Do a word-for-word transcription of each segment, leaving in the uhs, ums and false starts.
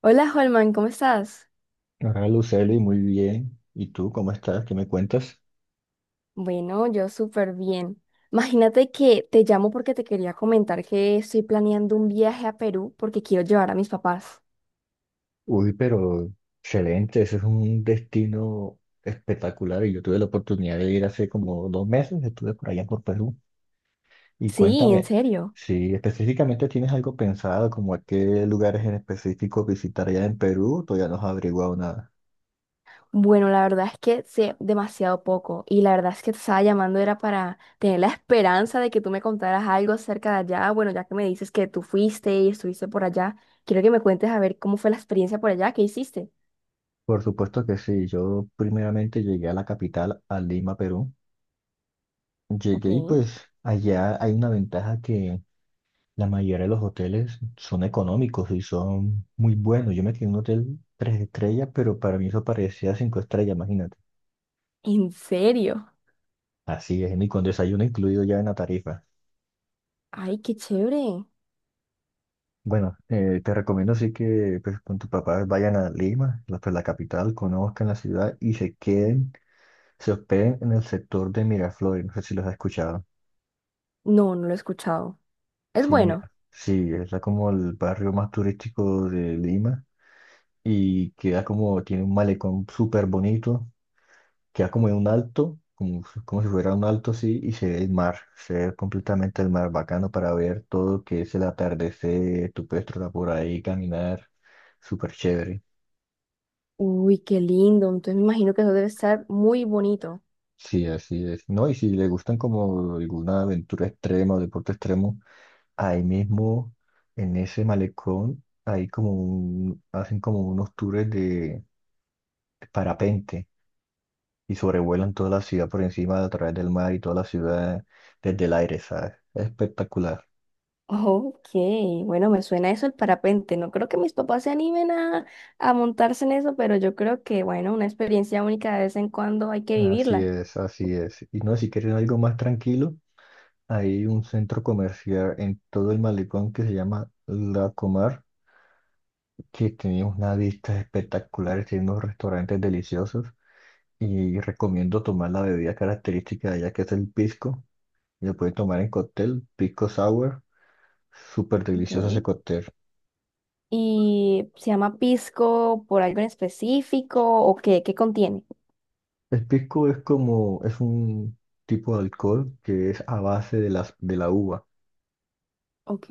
Hola, Holman, ¿cómo estás? Hola Luceli, muy bien. ¿Y tú cómo estás? ¿Qué me cuentas? Bueno, yo súper bien. Imagínate que te llamo porque te quería comentar que estoy planeando un viaje a Perú porque quiero llevar a mis papás. Uy, pero excelente, ese es un destino espectacular y yo tuve la oportunidad de ir hace como dos meses, estuve por allá por Perú. Y Sí, en cuéntame, serio. si específicamente tienes algo pensado, como a qué lugares en específico visitar allá en Perú, todavía no has averiguado nada. Bueno, la verdad es que sé demasiado poco y la verdad es que te estaba llamando era para tener la esperanza de que tú me contaras algo acerca de allá. Bueno, ya que me dices que tú fuiste y estuviste por allá, quiero que me cuentes a ver cómo fue la experiencia por allá, qué hiciste. Por supuesto que sí, yo primeramente llegué a la capital, a Lima, Perú. Ok. Llegué y pues allá hay una ventaja que la mayoría de los hoteles son económicos y son muy buenos. Yo me quedé en un hotel tres estrellas, pero para mí eso parecía cinco estrellas, imagínate. ¿En serio? Así es, ni con desayuno incluido ya en la tarifa. Ay, qué chévere. Bueno, eh, te recomiendo sí que pues, con tus papás vayan a Lima, la, pues, la capital, conozcan la ciudad y se queden, se hospeden en el sector de Miraflores. No sé si los has escuchado. No, no lo he escuchado. Es Sí, bueno. mira, sí, es la- como el barrio más turístico de Lima y queda como, tiene un malecón súper bonito, queda como en un alto, como, si- como si fuera un alto así, y se ve el mar, se ve completamente el mar, bacano para ver todo lo que es el atardecer, tu puedes trotar por ahí, caminar, súper chévere. Uy, qué lindo. Entonces me imagino que eso debe estar muy bonito. Sí, así es. No, y si le gustan como alguna aventura extrema o deporte extremo, ahí mismo, en ese malecón, hay como un- hacen como unos tours de parapente y sobrevuelan toda la ciudad por encima a través del mar y toda la ciudad desde el aire, ¿sabes? Es espectacular. Ok, bueno, me suena eso el parapente. No creo que mis papás se animen a, a montarse en eso, pero yo creo que, bueno, una experiencia única de vez en cuando hay que Así vivirla. es, así es. Y no, si quieren algo más tranquilo, hay un centro comercial en todo el malecón que se llama La Comar, que tiene unas vistas espectaculares, tiene unos restaurantes deliciosos y recomiendo tomar la bebida característica de allá que es el pisco. Lo pueden tomar en cóctel, pisco sour, súper Ok. delicioso ese cóctel. ¿Y se llama pisco por algo en específico o qué? ¿Qué contiene? El pisco es como, es un tipo de alcohol que es a base de las, de la uva. Ok.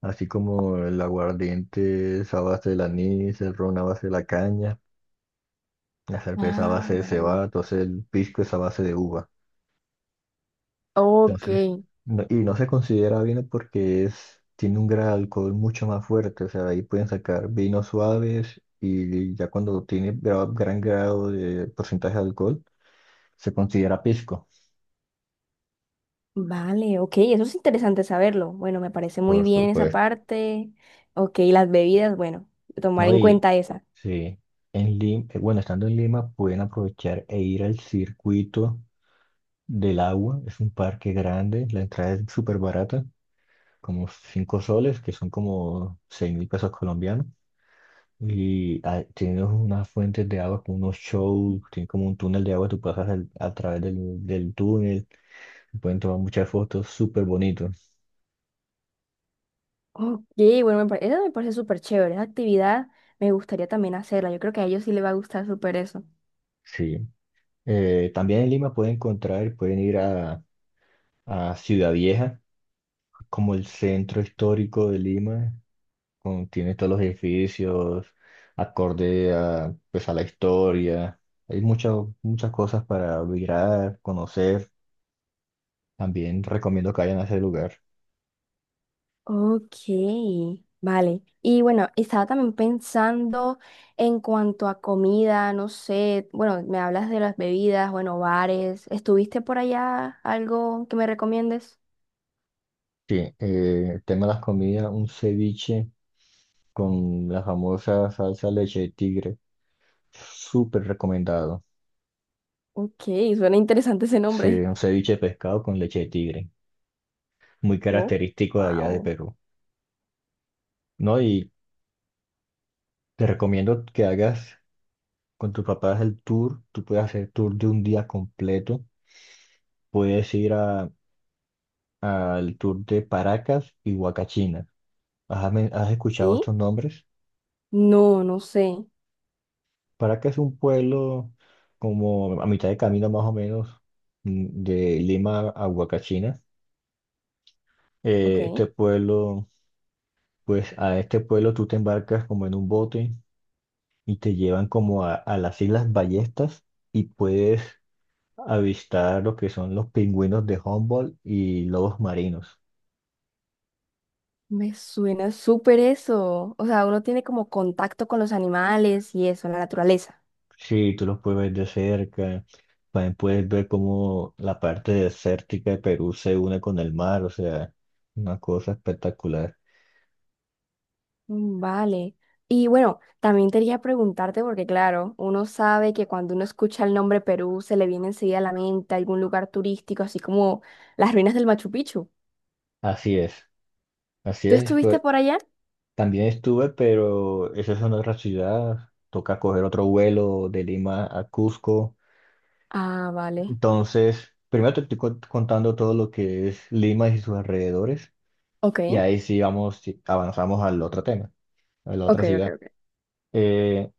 Así como el aguardiente es a base del anís, el ron a base de la caña, la cerveza a Ah, base de cebada, vale. entonces el pisco es a base de uva. Ok. Entonces, no- y no se considera vino porque es, tiene un grado de alcohol mucho más fuerte, o sea, de ahí pueden sacar vinos suaves y ya cuando tiene gra- gran grado de porcentaje de alcohol, se considera pisco. Vale, ok, eso es interesante saberlo. Bueno, me parece muy Por bien esa supuesto. parte. Ok, las bebidas, bueno, tomar No, en y cuenta esa. sí, en Lima, bueno, estando en Lima pueden aprovechar e ir al circuito del agua. Es un parque grande, la entrada es súper barata, como cinco soles, que son como seis mil pesos colombianos. Y ah, tiene unas fuentes de agua, con unos shows, tiene como un túnel de agua, tú pasas al- a través del, del túnel, pueden tomar muchas fotos, súper bonito. Ok, bueno, me pare- esa me parece súper chévere. Esa actividad me gustaría también hacerla. Yo creo que a ellos sí les va a gustar súper eso. Sí. Eh, también en Lima pueden encontrar, pueden ir a, a Ciudad Vieja, como el centro histórico de Lima, con- tiene todos los edificios, acorde a, pues, a la historia. Hay muchas, muchas cosas para mirar, conocer. También recomiendo que vayan a ese lugar. Ok, vale. Y bueno, estaba también pensando en cuanto a comida, no sé, bueno, me hablas de las bebidas, bueno, bares. ¿Estuviste por allá algo que me recomiendes? Sí, eh, el tema de las comidas, un ceviche con la famosa salsa leche de tigre. Súper recomendado. Ok, suena interesante ese Sí, nombre. un ceviche de pescado con leche de tigre. Muy Oh, característico de allá de wow. Perú. No, y te recomiendo que hagas con tus papás el tour. Tú puedes hacer tour de un día completo. Puedes ir a- al tour de Paracas y Huacachina. ¿Has, men- has escuchado ¿Y? estos nombres? No, no sé. Paracas es un pueblo como a mitad de camino más o menos, mm, de Lima a Huacachina. Eh, Ok. Este pueblo, pues a este pueblo tú te embarcas como en un bote y te llevan como a, a las Islas Ballestas y puedes avistar lo que son los pingüinos de Humboldt y lobos marinos. Me suena súper eso. O sea, uno tiene como contacto con los animales y eso, la naturaleza. Sí, tú los puedes ver de cerca, también puedes ver cómo la parte desértica de Perú se une con el mar, o sea, una cosa espectacular. Mm, vale. Y bueno, también te quería preguntarte, porque claro, uno sabe que cuando uno escucha el nombre Perú, se le viene enseguida a la mente algún lugar turístico, así como las ruinas del Machu Picchu. Así es, así ¿Tú es, estuviste pues por allá? también estuve, pero esa es una otra ciudad, toca coger otro vuelo de Lima a Cusco. Ah, vale. Entonces, primero te estoy co- contando todo lo que es Lima y sus alrededores, Ok, y ahí sí vamos, sí, avanzamos al otro tema, a la ok, otra ok, ciudad. ok. Eh,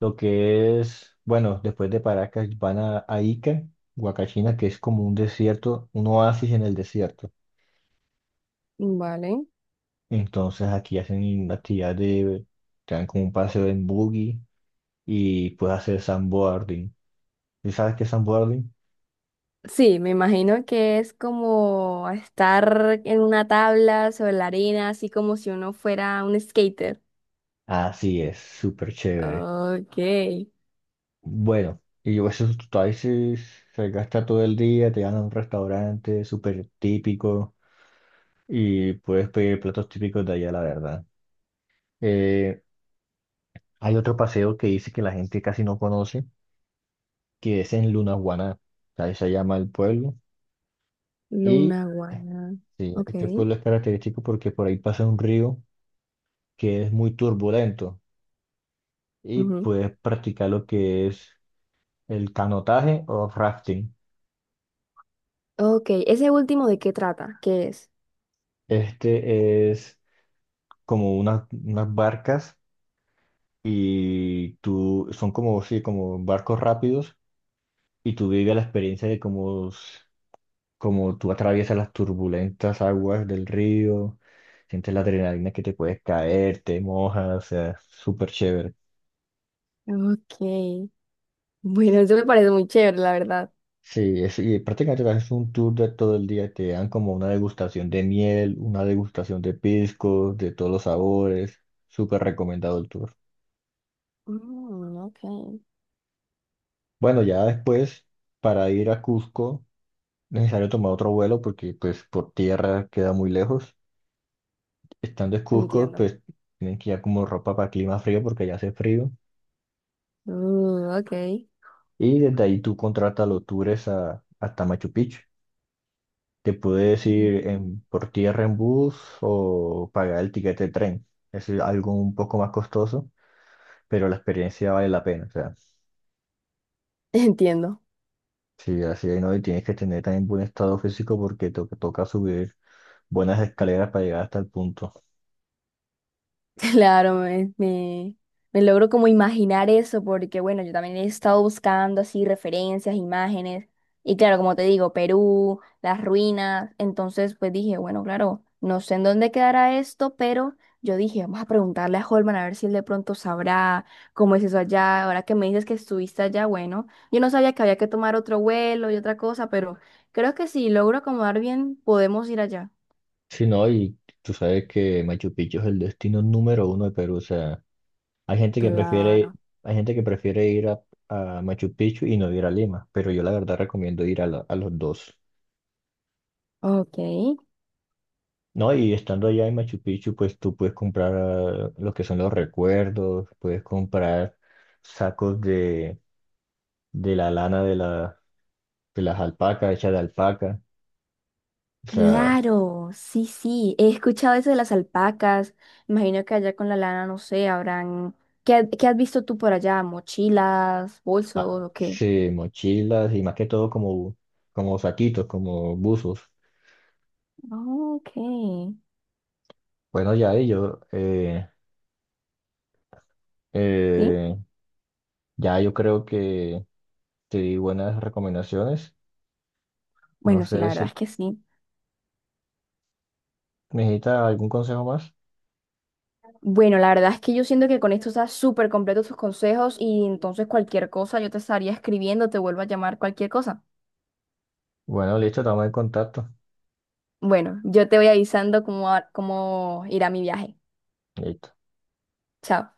Lo que es, bueno, después de Paracas van a, a Ica, Huacachina, que es como un desierto, un oasis en el desierto. Vale. Entonces aquí hacen la actividad de, te dan como un paseo en buggy y puedes hacer sandboarding. ¿Y sabes qué es sandboarding? Sí, me imagino que es como estar en una tabla sobre la arena, así como si uno fuera un skater. Así es, súper chévere. Ok, Bueno, y yo eso tú ahí se, se gasta todo el día, te van a un restaurante súper típico y puedes pedir platos típicos de allá, la verdad. Eh, Hay otro paseo que dice que la gente casi no conoce, que es en Lunahuaná. Ahí se llama el pueblo. Y Luna eh, Guana. sí, Ok. este pueblo es característico porque por ahí pasa un río que es muy turbulento y Ujú. puedes practicar lo que es el canotaje o rafting. Ok, ese último de qué trata, ¿qué es? Este es como unas, unas barcas y tú, son como, sí, como barcos rápidos y tú vives la experiencia de como, como tú atraviesas las turbulentas aguas del río, sientes la adrenalina que te puedes caer, te mojas, o sea, súper chévere. Ok. Bueno, eso me parece muy chévere, la verdad. Sí, es, y prácticamente te haces un tour de todo el día, te dan como una degustación de miel, una degustación de piscos, de todos los sabores, súper recomendado el tour. Mm, ok, Bueno, ya después, para ir a Cusco, necesario tomar otro vuelo porque pues por tierra queda muy lejos. Estando en Cusco, entiendo. pues tienen que ir como ropa para clima frío porque ya hace frío. Mm, ok, Y desde ahí tú contratas los tours a- hasta Machu Picchu. Te puedes ir en, por tierra en bus o pagar el tiquete de tren. Es algo un poco más costoso, pero la experiencia vale la pena. O sea, entiendo. sí, así hay no, y tienes que tener también buen estado físico porque to- toca subir buenas escaleras para llegar hasta el punto. Claro, me, me, me logro como imaginar eso porque, bueno, yo también he estado buscando así referencias, imágenes, y claro, como te digo, Perú, las ruinas, entonces pues dije, bueno, claro, no sé en dónde quedará esto, pero yo dije, vamos a preguntarle a Holman a ver si él de pronto sabrá cómo es eso allá, ahora que me dices que estuviste allá, bueno, yo no sabía que había que tomar otro vuelo y otra cosa, pero creo que si logro acomodar bien, podemos ir allá. Sí, no, y tú sabes que Machu Picchu es el destino número uno de Perú. O sea, Hay gente que prefiere, Claro. hay gente que prefiere ir a, a Machu Picchu y no ir a Lima, pero yo la verdad recomiendo ir a, la- a los dos. Ok. No, y estando allá en Machu Picchu, pues tú puedes comprar ah, lo que son los recuerdos, puedes comprar sacos de, de la lana de, la, de las alpacas, hechas de alpaca, o sea, Claro, sí, sí, he escuchado eso de las alpacas. Imagino que allá con la lana, no sé, habrán... ¿Qué, ha- qué has visto tú por allá? ¿Mochilas, bolsos ah, o qué? sí, mochilas y más que todo como, como saquitos, como buzos. Ok, Bueno, ya ello, eh, sí. eh, ya yo creo que te di buenas recomendaciones. No Bueno, sí, sé la verdad si es que sí. necesita algún consejo más. Bueno, la verdad es que yo siento que con esto está súper completo tus consejos y entonces cualquier cosa yo te estaría escribiendo, te vuelvo a llamar cualquier cosa. Bueno, listo, estamos en contacto. Bueno, yo te voy avisando cómo, va- cómo irá mi viaje. Listo. Chao.